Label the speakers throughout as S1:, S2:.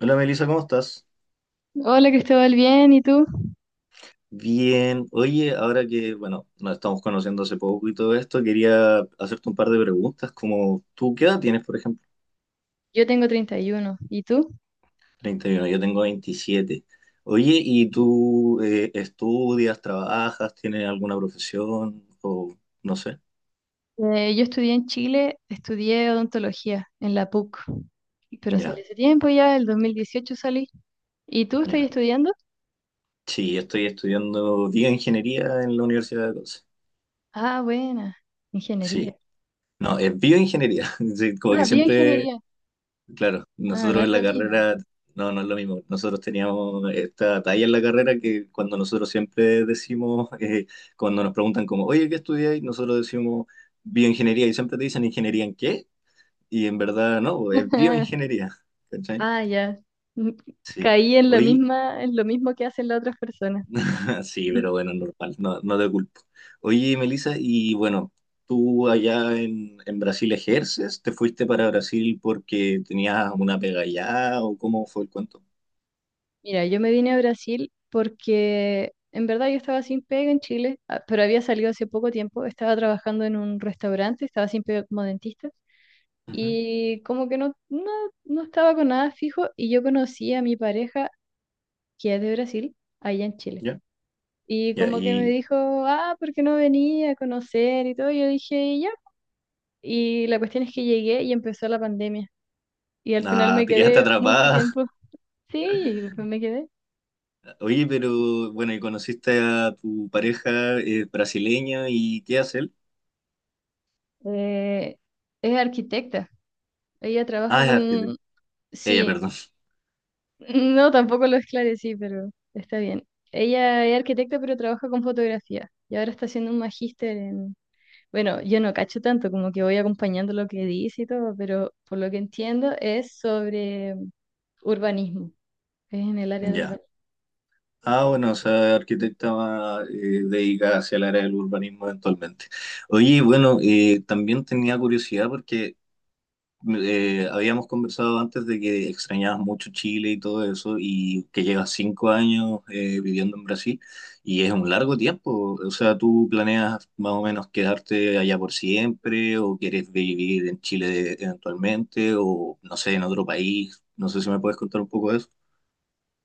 S1: Hola Melissa, ¿cómo estás?
S2: Hola Cristóbal, bien, ¿y tú?
S1: Bien. Oye, ahora que, bueno, nos estamos conociendo hace poco y todo esto, quería hacerte un par de preguntas, como tú, ¿qué edad tienes, por ejemplo?
S2: Yo tengo 31, ¿y tú?
S1: 31. Yo tengo 27. Oye, ¿y tú estudias, trabajas, tienes alguna profesión o no sé?
S2: Yo estudié en Chile, estudié odontología en la PUC, pero salí
S1: Ya,
S2: hace tiempo ya, el 2018 salí. ¿Y tú estás
S1: ya.
S2: estudiando?
S1: Sí, estoy estudiando bioingeniería en la Universidad de Conce.
S2: Ah, buena,
S1: Sí.
S2: ingeniería.
S1: No, es bioingeniería. Sí, como que
S2: Ah,
S1: siempre.
S2: bioingeniería.
S1: Claro,
S2: Ah, no
S1: nosotros
S2: es
S1: en la
S2: lo mismo.
S1: carrera, no, no es lo mismo. Nosotros teníamos esta talla en la carrera que cuando nosotros siempre decimos, cuando nos preguntan como, oye, ¿qué estudiáis? Nosotros decimos bioingeniería y siempre te dicen ingeniería en qué, y en verdad no, es bioingeniería. ¿Cachai?
S2: Ah, ya. Mm,
S1: Sí.
S2: caí en lo
S1: Oye,
S2: misma, en lo mismo que hacen las otras personas.
S1: sí, pero bueno, normal, no, no te culpo. Oye, Melissa, y bueno, tú allá en Brasil ejerces, ¿te fuiste para Brasil porque tenías una pega allá o cómo fue el cuento?
S2: Mira, yo me vine a Brasil porque en verdad yo estaba sin pega en Chile, ah, pero había salido hace poco tiempo, estaba trabajando en un restaurante, estaba sin pega como dentista
S1: Ujú.
S2: y como que no, no, no estaba con nada fijo y yo conocí a mi pareja que es de Brasil, allá en Chile.
S1: ¿Ya?
S2: Y
S1: Ya,
S2: como que me
S1: y
S2: dijo, ah, ¿por qué no venía a conocer y todo? Y yo dije, ya. Y la cuestión es que llegué y empezó la pandemia y al final
S1: nada,
S2: me
S1: te quedaste
S2: quedé mucho
S1: atrapada.
S2: tiempo. Sí, me quedé.
S1: Oye, pero bueno, y conociste a tu pareja brasileña y ¿qué hace él?
S2: Eh, es arquitecta. Ella trabaja
S1: Ah, es
S2: con...
S1: arquitecta. Ella,
S2: Sí,
S1: perdón.
S2: no, tampoco lo esclarecí, pero está bien. Ella es arquitecta, pero trabaja con fotografía. Y ahora está haciendo un magíster en... Bueno, yo no cacho tanto, como que voy acompañando lo que dice y todo, pero por lo que entiendo es sobre urbanismo. Es en el área de
S1: Ya.
S2: urbanismo.
S1: Ah, bueno, o sea, arquitecta más, dedicada hacia el área del urbanismo eventualmente. Oye, bueno, también tenía curiosidad porque habíamos conversado antes de que extrañabas mucho Chile y todo eso, y que llevas 5 años viviendo en Brasil, y es un largo tiempo. O sea, ¿tú planeas más o menos quedarte allá por siempre, o quieres vivir en Chile eventualmente, o no sé, en otro país? No sé si me puedes contar un poco de eso.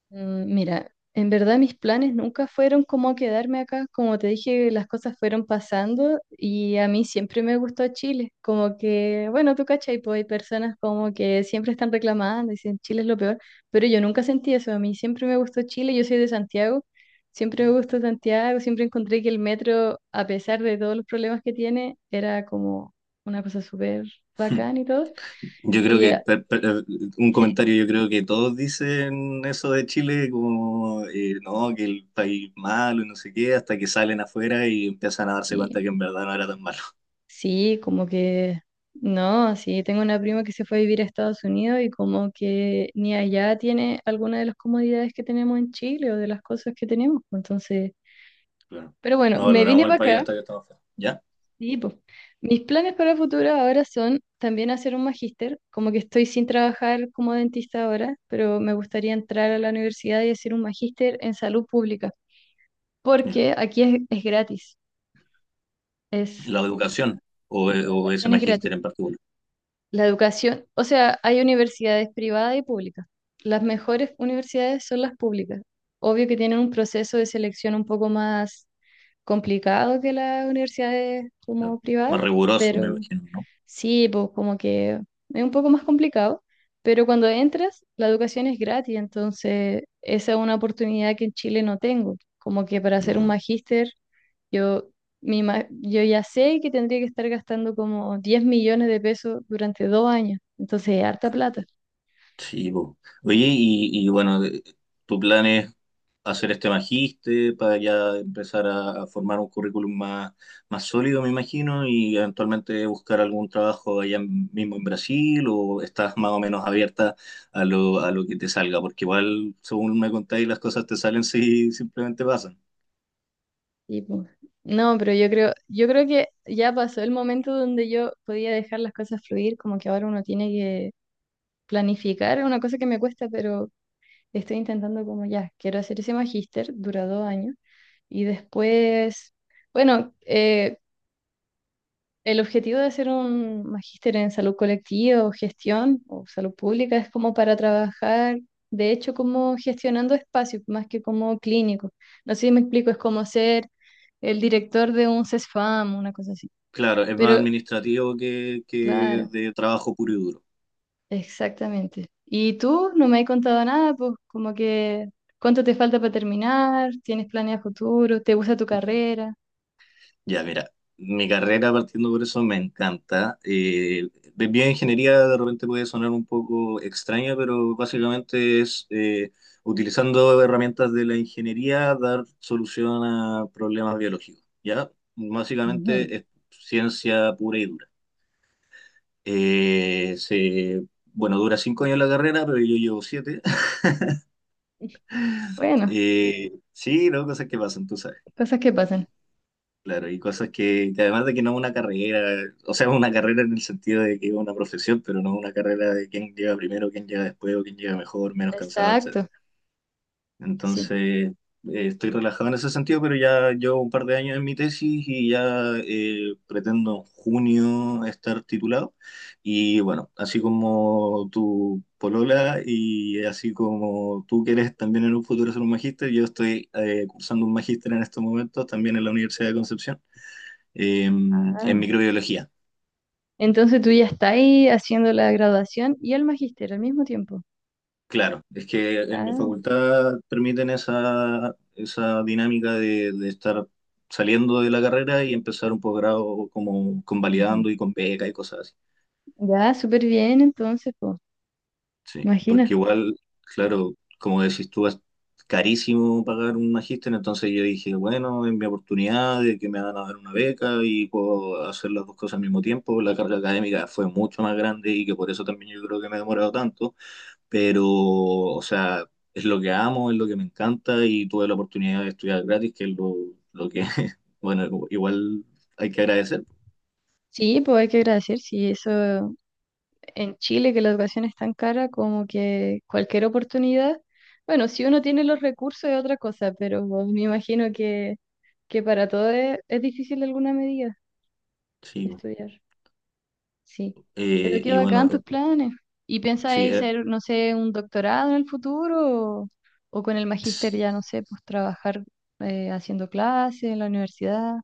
S2: Mm, mira, en verdad mis planes nunca fueron como quedarme acá, como te dije, las cosas fueron pasando y a mí siempre me gustó Chile, como que, bueno, tú cachai, pues hay personas como que siempre están reclamando, dicen Chile es lo peor, pero yo nunca sentí eso, a mí siempre me gustó Chile, yo soy de Santiago, siempre me gustó Santiago, siempre encontré que el metro, a pesar de todos los problemas que tiene, era como una cosa súper bacán y todo,
S1: Yo creo
S2: y
S1: que, un
S2: sí.
S1: comentario, yo creo que todos dicen eso de Chile, como, no, que el país malo y no sé qué, hasta que salen afuera y empiezan a darse cuenta
S2: Sí.
S1: que en verdad no era tan malo.
S2: Sí, como que no, sí, tengo una prima que se fue a vivir a Estados Unidos y como que ni allá tiene alguna de las comodidades que tenemos en Chile o de las cosas que tenemos, pues. Entonces,
S1: Claro.
S2: pero bueno,
S1: No
S2: me
S1: valoramos
S2: vine
S1: al
S2: para
S1: país
S2: acá.
S1: hasta que estamos afuera. ¿Ya?
S2: Sí, pues. Mis planes para el futuro ahora son también hacer un magíster, como que estoy sin trabajar como dentista ahora, pero me gustaría entrar a la universidad y hacer un magíster en salud pública,
S1: Ya.
S2: porque aquí es, es,
S1: La educación, o ese
S2: es gratis.
S1: magíster en particular.
S2: La educación, o sea, hay universidades privadas y públicas. Las mejores universidades son las públicas. Obvio que tienen un proceso de selección un poco más complicado que las universidades
S1: Claro.
S2: como
S1: Más
S2: privadas,
S1: riguroso, me
S2: pero
S1: imagino, ¿no?
S2: sí, pues como que es un poco más complicado, pero cuando entras, la educación es gratis, entonces esa es una oportunidad que en Chile no tengo. Como que para hacer un
S1: No.
S2: magíster, yo, yo ya sé que tendría que estar gastando como 10 millones de pesos durante 2 años, entonces es harta plata.
S1: Sí, po. Oye, y bueno, tu plan es hacer este magíster, para ya empezar a formar un currículum más, más sólido, me imagino, y eventualmente buscar algún trabajo allá mismo en Brasil, o estás más o menos abierta a lo que te salga, porque igual, según me contáis, las cosas te salen si simplemente pasan.
S2: Y pues, no, pero yo creo que ya pasó el momento donde yo podía dejar las cosas fluir, como que ahora uno tiene que planificar, es una cosa que me cuesta, pero estoy intentando como ya, quiero hacer ese magíster, dura 2 años, y después, bueno, el objetivo de hacer un magíster en salud colectiva o gestión o salud pública es como para trabajar, de hecho, como gestionando espacios, más que como clínico. No sé si me explico, es como ser el director de un CESFAM, una cosa así.
S1: Claro, es más
S2: Pero,
S1: administrativo que
S2: claro.
S1: de trabajo puro y duro.
S2: Exactamente. ¿Y tú no me has contado nada? Pues como que, ¿cuánto te falta para terminar? ¿Tienes planes a futuro? ¿Te gusta tu
S1: Ujú.
S2: carrera?
S1: Ya, mira, mi carrera partiendo por eso me encanta. Bien, ingeniería de repente puede sonar un poco extraña, pero básicamente es utilizando herramientas de la ingeniería dar solución a problemas biológicos. Ya,
S2: Ujú.
S1: básicamente es ciencia pura y dura. Eh, se, bueno, dura 5 años la carrera, pero yo llevo siete.
S2: Bueno,
S1: Sí, no, cosas que pasan, tú sabes.
S2: cosas que pasan.
S1: Claro, y cosas que además de que no es una carrera, o sea, es una carrera en el sentido de que es una profesión, pero no es una carrera de quién llega primero, quién llega después, o quién llega mejor, menos cansado, etcétera.
S2: Exacto, sí.
S1: Entonces, estoy relajado en ese sentido, pero ya llevo un par de años en mi tesis y ya pretendo en junio estar titulado. Y bueno, así como tu polola y así como tú quieres también en un futuro ser un magíster, yo estoy cursando un magíster en estos momentos también en la Universidad de Concepción
S2: Ah,
S1: en microbiología.
S2: entonces tú ya estás ahí haciendo la graduación y el magíster al mismo tiempo.
S1: Claro, es que en mi
S2: Ah,
S1: facultad permiten esa dinámica de estar saliendo de la carrera y empezar un posgrado como
S2: ujú.
S1: convalidando y con beca y cosas así.
S2: Ya, súper bien entonces, pues,
S1: Sí,
S2: imagina.
S1: porque igual, claro, como decís tú, es carísimo pagar un magíster, entonces yo dije, bueno, es mi oportunidad de que me van a dar una beca y puedo hacer las dos cosas al mismo tiempo. La carga académica fue mucho más grande y que por eso también yo creo que me he demorado tanto, pero, o sea, es lo que amo, es lo que me encanta y tuve la oportunidad de estudiar gratis, que es lo que, bueno, igual hay que agradecer.
S2: Sí, pues hay que agradecer, sí, eso en Chile, que la educación es tan cara como que cualquier oportunidad, bueno, si uno tiene los recursos es otra cosa, pero me imagino que para todos es difícil de alguna medida
S1: Sí,
S2: estudiar, sí. Pero qué
S1: y bueno,
S2: bacán tus planes. ¿Y
S1: sí,
S2: pensáis hacer, no sé, un doctorado en el futuro o con el magíster ya, no sé, pues trabajar haciendo clases en la universidad?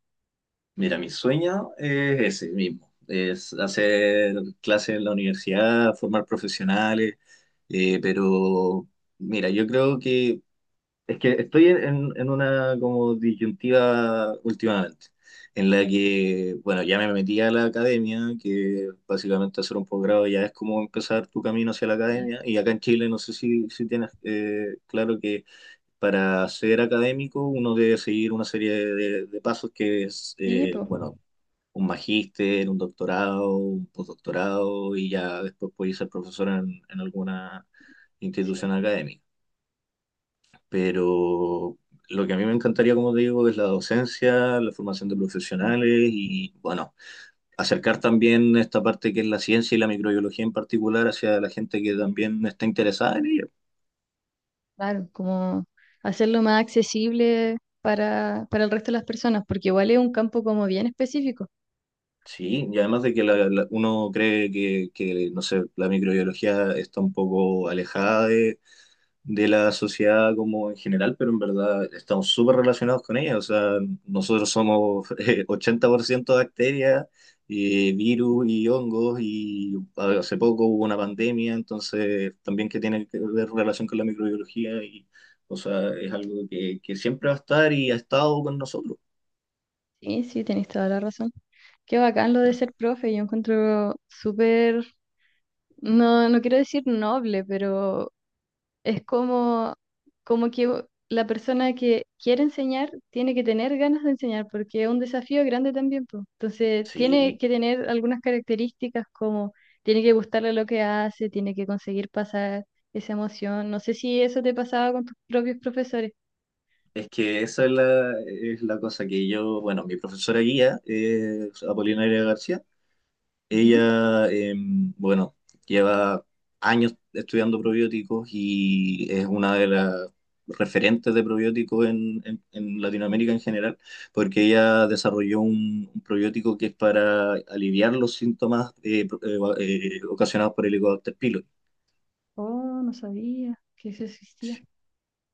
S1: mira, mi sueño es ese mismo, es hacer clases en la universidad, formar profesionales, pero mira, yo creo que es que estoy en una como disyuntiva últimamente, en la que, bueno, ya me metí a la academia, que básicamente hacer un posgrado ya es como empezar tu camino hacia la
S2: Sí,
S1: academia, y acá en Chile no sé si tienes claro que para ser académico uno debe seguir una serie de pasos que es,
S2: sí, pues,
S1: bueno, un magíster, un doctorado, un postdoctorado, y ya después puedes ser profesor en alguna institución
S2: sí.
S1: académica, pero lo que a mí me encantaría, como te digo, es la docencia, la formación de profesionales y, bueno, acercar también esta parte que es la ciencia y la microbiología en particular hacia la gente que también está interesada en ello.
S2: Claro, como hacerlo más accesible para el resto de las personas, porque igual es un campo como bien específico.
S1: Sí, y además de que uno cree no sé, la microbiología está un poco alejada de la sociedad como en general, pero en verdad estamos súper relacionados con ella. O sea, nosotros somos 80% bacterias, virus y hongos, y
S2: Sí,
S1: hace poco hubo una pandemia, entonces también que tiene que ver relación con la microbiología, y, o sea, es algo que siempre va a estar y ha estado con nosotros.
S2: sí, sí, tenés toda la razón. Qué bacán lo de ser profe, yo encuentro súper, no, no quiero decir noble, pero es como, como que la persona que quiere enseñar tiene que tener ganas de enseñar, porque es un desafío grande también, po. Entonces, tiene
S1: Sí.
S2: que tener algunas características como tiene que gustarle lo que hace, tiene que conseguir pasar esa emoción. No sé si eso te pasaba con tus propios profesores.
S1: Es que esa es es la cosa que yo, bueno, mi profesora guía, Apolinaria García,
S2: Ujú.
S1: ella, bueno, lleva años estudiando probióticos y es una de las referentes de probióticos en Latinoamérica en general, porque ella desarrolló un probiótico que es para aliviar los síntomas ocasionados por el Helicobacter pylori.
S2: Oh, no sabía que eso existía.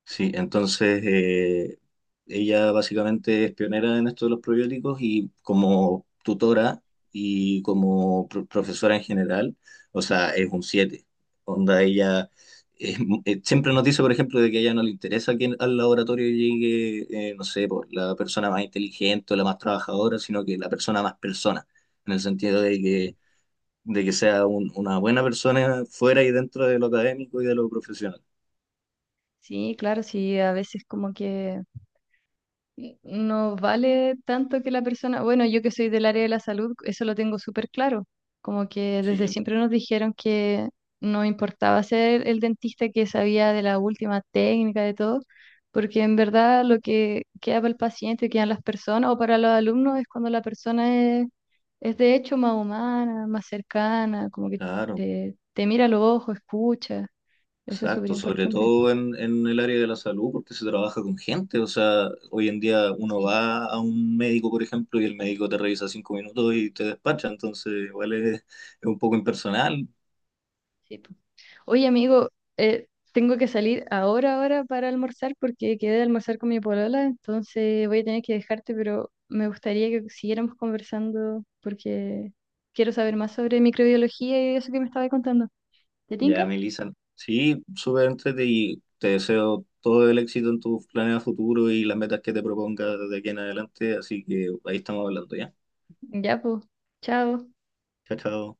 S1: Sí, entonces ella básicamente es pionera en esto de los probióticos y como tutora y como profesora en general, o sea, es un 7. Onda, ella siempre nos dice, por ejemplo, de que a ella no le interesa que al laboratorio llegue, no sé, por la persona más inteligente o la más trabajadora, sino que la persona más persona, en el sentido de
S2: Sí.
S1: que, de que sea una buena persona fuera y dentro de lo académico y de lo profesional.
S2: Sí, claro, sí, a veces como que no vale tanto que la persona, bueno, yo que soy del área de la salud, eso lo tengo súper claro, como que desde
S1: Sí,
S2: siempre nos dijeron que no importaba ser el dentista que sabía de la última técnica, de todo, porque en verdad lo que queda para el paciente, quedan las personas o para los alumnos es cuando la persona es de hecho más humana, más cercana, como que
S1: claro.
S2: te mira a los ojos, escucha, eso es súper
S1: Exacto, sobre
S2: importante.
S1: todo en el área de la salud, porque se trabaja con gente. O sea, hoy en día uno
S2: Sí,
S1: va a un médico, por ejemplo, y el médico te revisa 5 minutos y te despacha. Entonces, igual es, es un poco impersonal.
S2: sí. Oye, amigo, eh, tengo que salir ahora para almorzar porque quedé de almorzar con mi polola, entonces voy a tener que dejarte, pero me gustaría que siguiéramos conversando porque quiero saber más sobre microbiología y eso que me estaba contando. ¿Te
S1: Ya,
S2: tinca?
S1: Melissa. Sí, súper entrete y te deseo todo el éxito en tus planes a futuro y las metas que te propongas de aquí en adelante. Así que ahí estamos hablando ya.
S2: Ya, pues. Chao.
S1: Chao, chao.